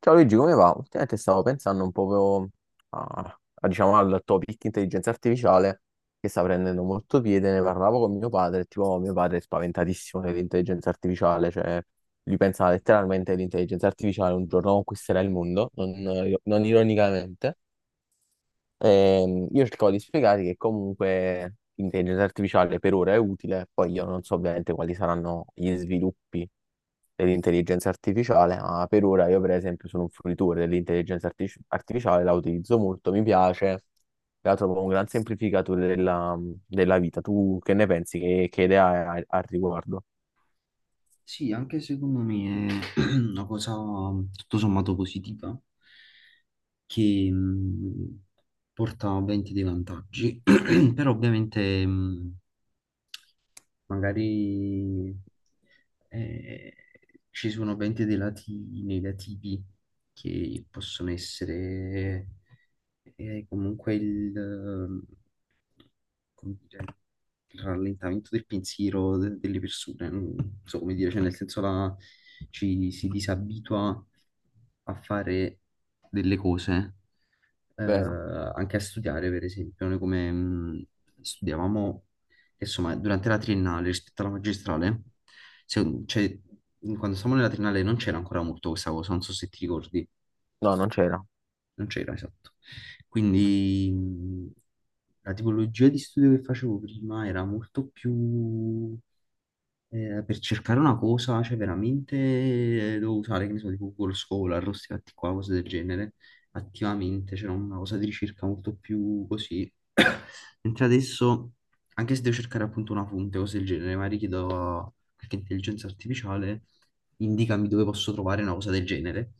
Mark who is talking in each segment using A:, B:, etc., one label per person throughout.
A: Ciao Luigi, come va? Ultimamente stavo pensando un po' a, diciamo, al topic intelligenza artificiale che sta prendendo molto piede. Ne parlavo con mio padre, tipo mio padre è spaventatissimo dell'intelligenza artificiale, cioè lui pensa letteralmente che l'intelligenza artificiale un giorno conquisterà il mondo, non ironicamente. Io cercavo di spiegare che comunque l'intelligenza artificiale per ora è utile, poi io non so ovviamente quali saranno gli sviluppi dell'intelligenza artificiale, ma per ora io per esempio sono un fruitore dell'intelligenza artificiale, la utilizzo molto, mi piace, la trovo un gran semplificatore della vita. Tu che ne pensi? Che idea hai al riguardo?
B: Sì, anche secondo me è una cosa tutto sommato positiva che porta ovviamente dei vantaggi, però ovviamente magari eh, ci sono 20 dei lati negativi che possono essere comunque come dire, il rallentamento del pensiero delle persone, non so come dire, cioè nel senso ci si disabitua a fare delle cose eh,
A: Vero?
B: anche a studiare, per esempio, noi come studiavamo, insomma, durante la triennale rispetto alla magistrale, cioè, quando stavamo nella triennale non c'era ancora molto questa cosa, non so se ti ricordi,
A: No, non c'era.
B: non c'era esatto. Quindi la tipologia di studio che facevo prima era molto più per cercare una cosa, cioè veramente devo usare, che ne so, tipo Google Scholar, questi fatti qua, cose del genere, attivamente, c'era una cosa di ricerca molto più così. Mentre adesso, anche se devo cercare appunto una fonte, cose del genere, magari chiedo a qualche intelligenza artificiale, indicami dove posso trovare una cosa del genere.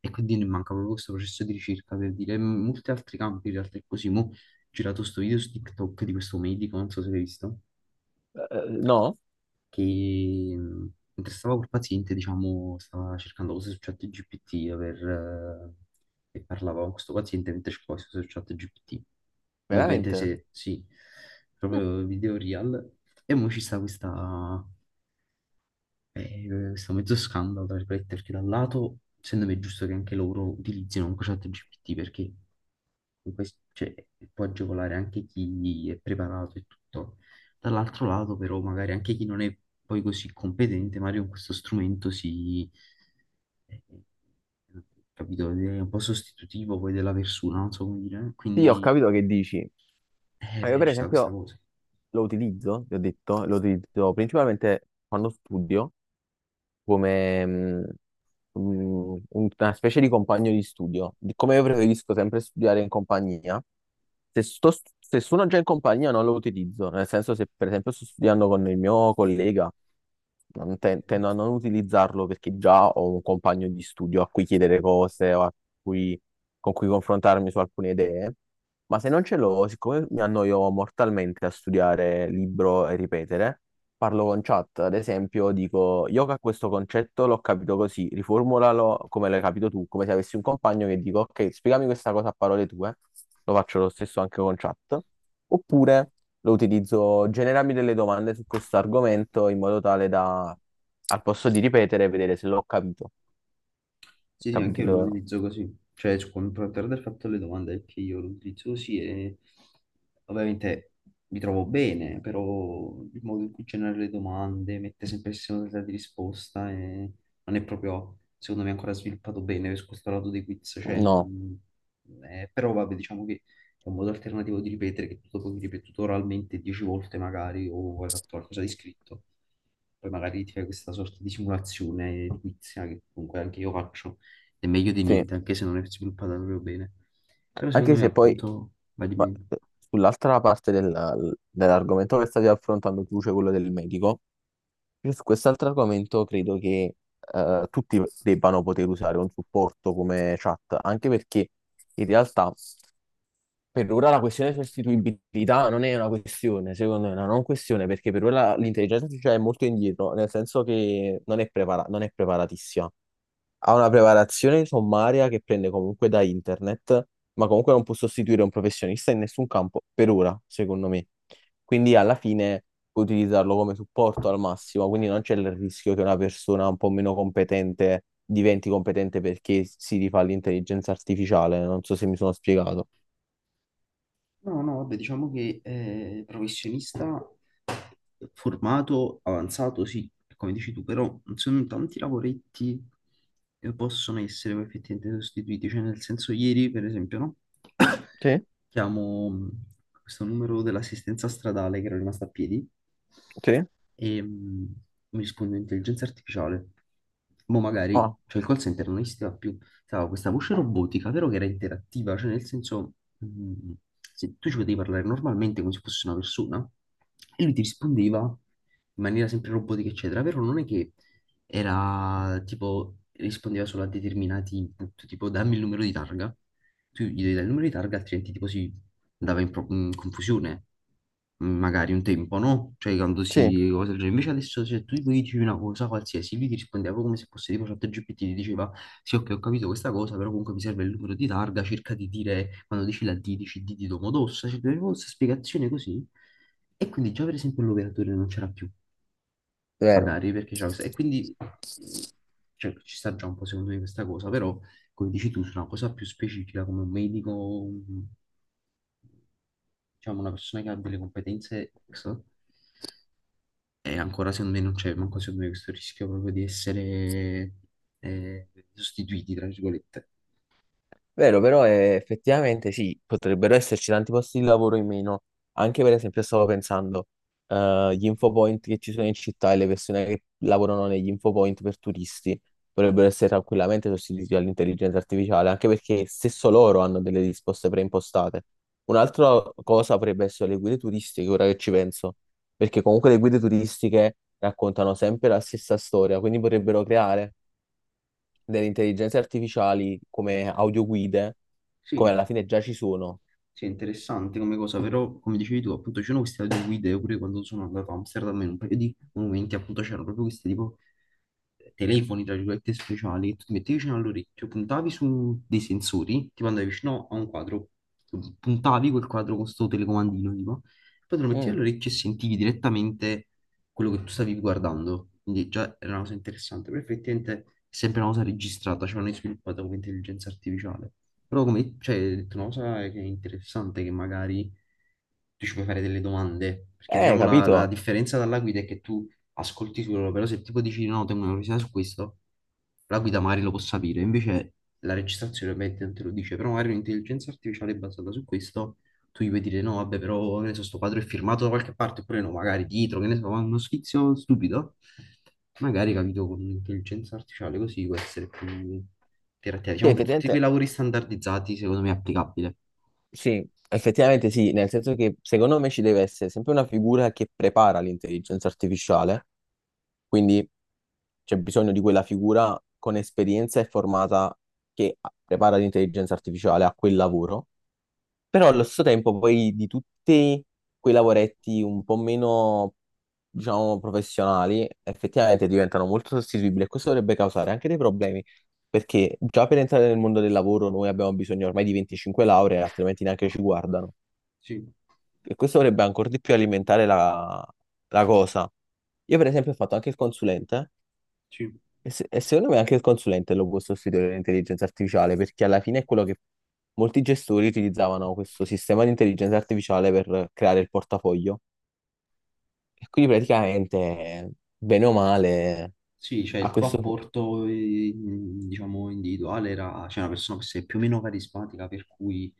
B: E quindi mi manca proprio questo processo di ricerca per dire in molti altri campi, in realtà è così. Mo' ho girato sto video su TikTok di questo medico, non so se l'hai visto
A: No?
B: che mentre stavo col paziente, diciamo, stava cercando cose su ChatGPT per, e parlava con questo paziente mentre cercava cose su ChatGPT. Mo' ovviamente
A: Veramente?
B: se, sì, proprio video real. E mo' ci sta eh, questo mezzo scandalo, tra virgolette, perché da un lato, secondo me è giusto che anche loro utilizzino comunque ChatGPT perché questo, cioè, può agevolare anche chi è preparato e tutto. Dall'altro lato, però, magari anche chi non è poi così competente, magari con questo strumento si... eh, capito? È un po' sostitutivo poi della persona, non so come dire.
A: Sì, ho
B: Quindi,
A: capito che dici. Ma io
B: beh,
A: per
B: ci sta questa
A: esempio
B: cosa.
A: lo utilizzo, vi ho detto, lo utilizzo principalmente quando studio, come una specie di compagno di studio. Come io preferisco sempre studiare in compagnia, se, sto, se sono già in compagnia non lo utilizzo, nel senso se per esempio sto studiando con il mio collega, non tendo a non utilizzarlo perché già ho un compagno di studio a cui chiedere cose o a cui- con cui confrontarmi su alcune idee. Ma se non ce l'ho, siccome mi annoio mortalmente a studiare libro e ripetere, parlo con chat, ad esempio, dico yoga, questo concetto l'ho capito così, riformulalo come l'hai capito tu, come se avessi un compagno che dico, ok, spiegami questa cosa a parole tue, lo faccio lo stesso anche con chat, oppure lo utilizzo, generami delle domande su questo argomento in modo tale da, al posto di ripetere, vedere se l'ho capito.
B: Sì, sì, anche
A: Capite
B: io
A: che
B: lo utilizzo così. Cioè, per aver fatto le domande, è che io lo utilizzo così e ovviamente mi trovo bene, però il modo in cui genera le domande mette sempre il segno della di risposta e non è proprio, secondo me, ancora sviluppato bene su questo lato dei quiz. Cioè,
A: no,
B: però vabbè, diciamo che è un modo alternativo di ripetere che tu dopo hai ripetuto oralmente 10 volte magari o hai fatto qualcosa di scritto poi magari ti fai questa sorta di simulazione edilizia che comunque anche io faccio, è meglio di
A: sì,
B: niente, anche se non è sviluppata proprio bene. Però secondo
A: anche
B: me
A: se poi
B: appunto, va di
A: ma-
B: meno.
A: eh, sull'altra parte dell'argomento che stavi affrontando tu, cioè quello del medico. Io su quest'altro argomento credo che tutti debbano poter usare un supporto come chat, anche perché in realtà per ora la questione di sostituibilità non è una questione, secondo me, è una non questione, perché per ora l'intelligenza artificiale è molto indietro, nel senso che non è non è preparatissima, ha una preparazione sommaria che prende comunque da internet, ma comunque non può sostituire un professionista in nessun campo, per ora, secondo me. Quindi alla fine puoi utilizzarlo come supporto al massimo, quindi non c'è il rischio che una persona un po' meno competente diventi competente perché si rifà l'intelligenza artificiale. Non so se mi sono spiegato.
B: No, no, vabbè, diciamo che professionista formato, avanzato, sì, come dici tu, però non sono tanti lavoretti che possono essere poi effettivamente sostituiti, cioè nel senso ieri per esempio, no?
A: Sì,
B: chiamo questo numero dell'assistenza stradale che era rimasto a piedi
A: sì.
B: e mi risponde intelligenza artificiale. Mo' magari,
A: Ah,
B: cioè il call center non esisteva più, stava questa voce robotica, vero che era interattiva, cioè nel senso, se tu ci potevi parlare normalmente come se fosse una persona e lui ti rispondeva in maniera sempre robotica, eccetera, vero? Non è che era tipo rispondeva solo a determinati input, tipo dammi il numero di targa tu gli devi dare il numero di targa, altrimenti tipo si andava in, in confusione, magari un tempo, no? Cioè quando
A: sì,
B: si... cose del genere. Invece adesso se tu gli dici una cosa qualsiasi, lui ti rispondeva proprio come se fosse tipo ChatGPT, ti diceva sì ok ho capito questa cosa, però comunque mi serve il numero di targa, cerca di dire, quando dici la D, dici D di Domodossa, cioè avevo questa spiegazione così. E quindi già per esempio l'operatore non c'era più,
A: vero.
B: magari, perché c'era questa... E quindi mm, cioè, ci sta già un po' secondo me questa cosa, però come dici tu, su una cosa più specifica come un medico, un diciamo, una persona che ha delle competenze X e ancora secondo me non c'è manco secondo me questo rischio proprio di essere sostituiti, tra virgolette.
A: Vero, però effettivamente sì, potrebbero esserci tanti posti di lavoro in meno. Anche per esempio stavo pensando, gli infopoint che ci sono in città e le persone che lavorano negli infopoint per turisti potrebbero essere tranquillamente sostituiti dall'intelligenza artificiale, anche perché stesso loro hanno delle risposte preimpostate. Un'altra cosa potrebbe essere le guide turistiche, ora che ci penso, perché comunque le guide turistiche raccontano sempre la stessa storia, quindi potrebbero creare delle intelligenze artificiali come audioguide, come
B: Sì,
A: alla fine già ci sono.
B: sì, è interessante come cosa, però come dicevi tu, appunto c'erano queste guide pure quando sono andato a Amsterdam in un paio di momenti, appunto c'erano proprio questi tipo telefoni, tra virgolette, speciali, che tu ti mettevi vicino all'orecchio, puntavi su dei sensori, tipo andavi vicino a un quadro, tu puntavi quel quadro con sto telecomandino, tipo, poi te lo mettevi
A: Mm.
B: all'orecchio e sentivi direttamente quello che tu stavi guardando, quindi già era una cosa interessante, però effettivamente è sempre una cosa registrata, cioè non è sviluppata come intelligenza artificiale. Però come, cioè, hai detto una cosa che è interessante, che magari tu ci puoi fare delle domande, perché diciamo la
A: Capito?
B: differenza dalla guida è che tu ascolti solo, però se tipo dici no, tengo una curiosità su questo, la guida magari lo può sapere, invece la registrazione ovviamente non te lo dice, però magari un'intelligenza artificiale basata su questo tu gli puoi dire no, vabbè, però che ne so, sto quadro è firmato da qualche parte, oppure no, magari dietro, che ne so, ma uno sfizio stupido. Magari, capito, con l'intelligenza artificiale così può essere più interattiva.
A: Sì,
B: Diciamo, per tutti quei
A: effettivamente
B: lavori standardizzati, secondo me è applicabile.
A: sì, effettivamente sì, nel senso che secondo me ci deve essere sempre una figura che prepara l'intelligenza artificiale, quindi c'è bisogno di quella figura con esperienza e formata che prepara l'intelligenza artificiale a quel lavoro. Però allo stesso tempo poi di tutti quei lavoretti un po' meno, diciamo, professionali, effettivamente diventano molto sostituibili e questo dovrebbe causare anche dei problemi, perché già per entrare nel mondo del lavoro noi abbiamo bisogno ormai di 25 lauree, altrimenti neanche ci guardano.
B: Sì,
A: E questo dovrebbe ancora di più alimentare la cosa. Io per esempio ho fatto anche il consulente
B: sì.
A: e, se- e secondo me anche il consulente lo può sostituire l'intelligenza artificiale, perché alla fine è quello che molti gestori utilizzavano questo sistema di intelligenza artificiale per creare il portafoglio. E quindi praticamente, bene o male,
B: Sì, cioè
A: a
B: il tuo
A: questo
B: apporto, diciamo, individuale era, cioè una persona che sei più o meno carismatica, per cui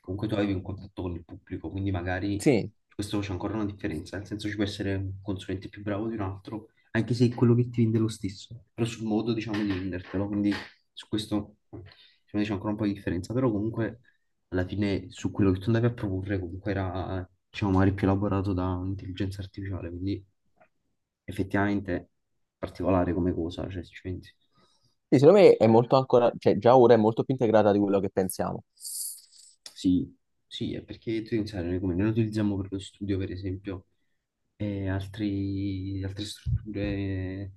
B: comunque tu avevi un contatto con il pubblico, quindi magari
A: sì,
B: questo c'è ancora una differenza, nel senso ci può essere un consulente più bravo di un altro, anche se quello che ti vende è lo stesso, però sul modo diciamo di vendertelo, quindi su questo secondo me c'è ancora un po' di differenza, però comunque alla fine su quello che tu andavi a proporre comunque era diciamo magari più elaborato da un'intelligenza artificiale, quindi effettivamente particolare come cosa, cioè se ci pensi.
A: sì, secondo me è molto ancora, cioè già ora è molto più integrata di quello che pensiamo.
B: Sì, sì, è perché tu devi pensare, noi come noi lo utilizziamo per lo studio, per esempio, e altre strutture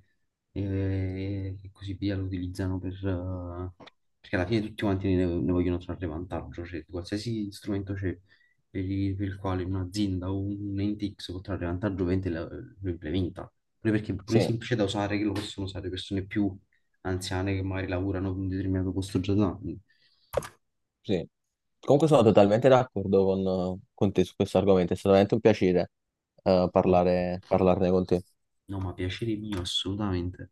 B: e così via lo utilizzano per... perché alla fine tutti quanti ne vogliono trarre vantaggio, cioè qualsiasi strumento c'è per per il quale un'azienda o un ente X può trarre vantaggio, ovviamente lo implementa. Pure perché pure è
A: Sì,
B: semplice da usare, che lo possono usare persone più anziane che magari lavorano in un determinato posto già da anni.
A: sì. Comunque sono totalmente d'accordo con te su questo argomento, è stato veramente un piacere
B: No,
A: parlarne con te.
B: no, ma piacere mio, assolutamente.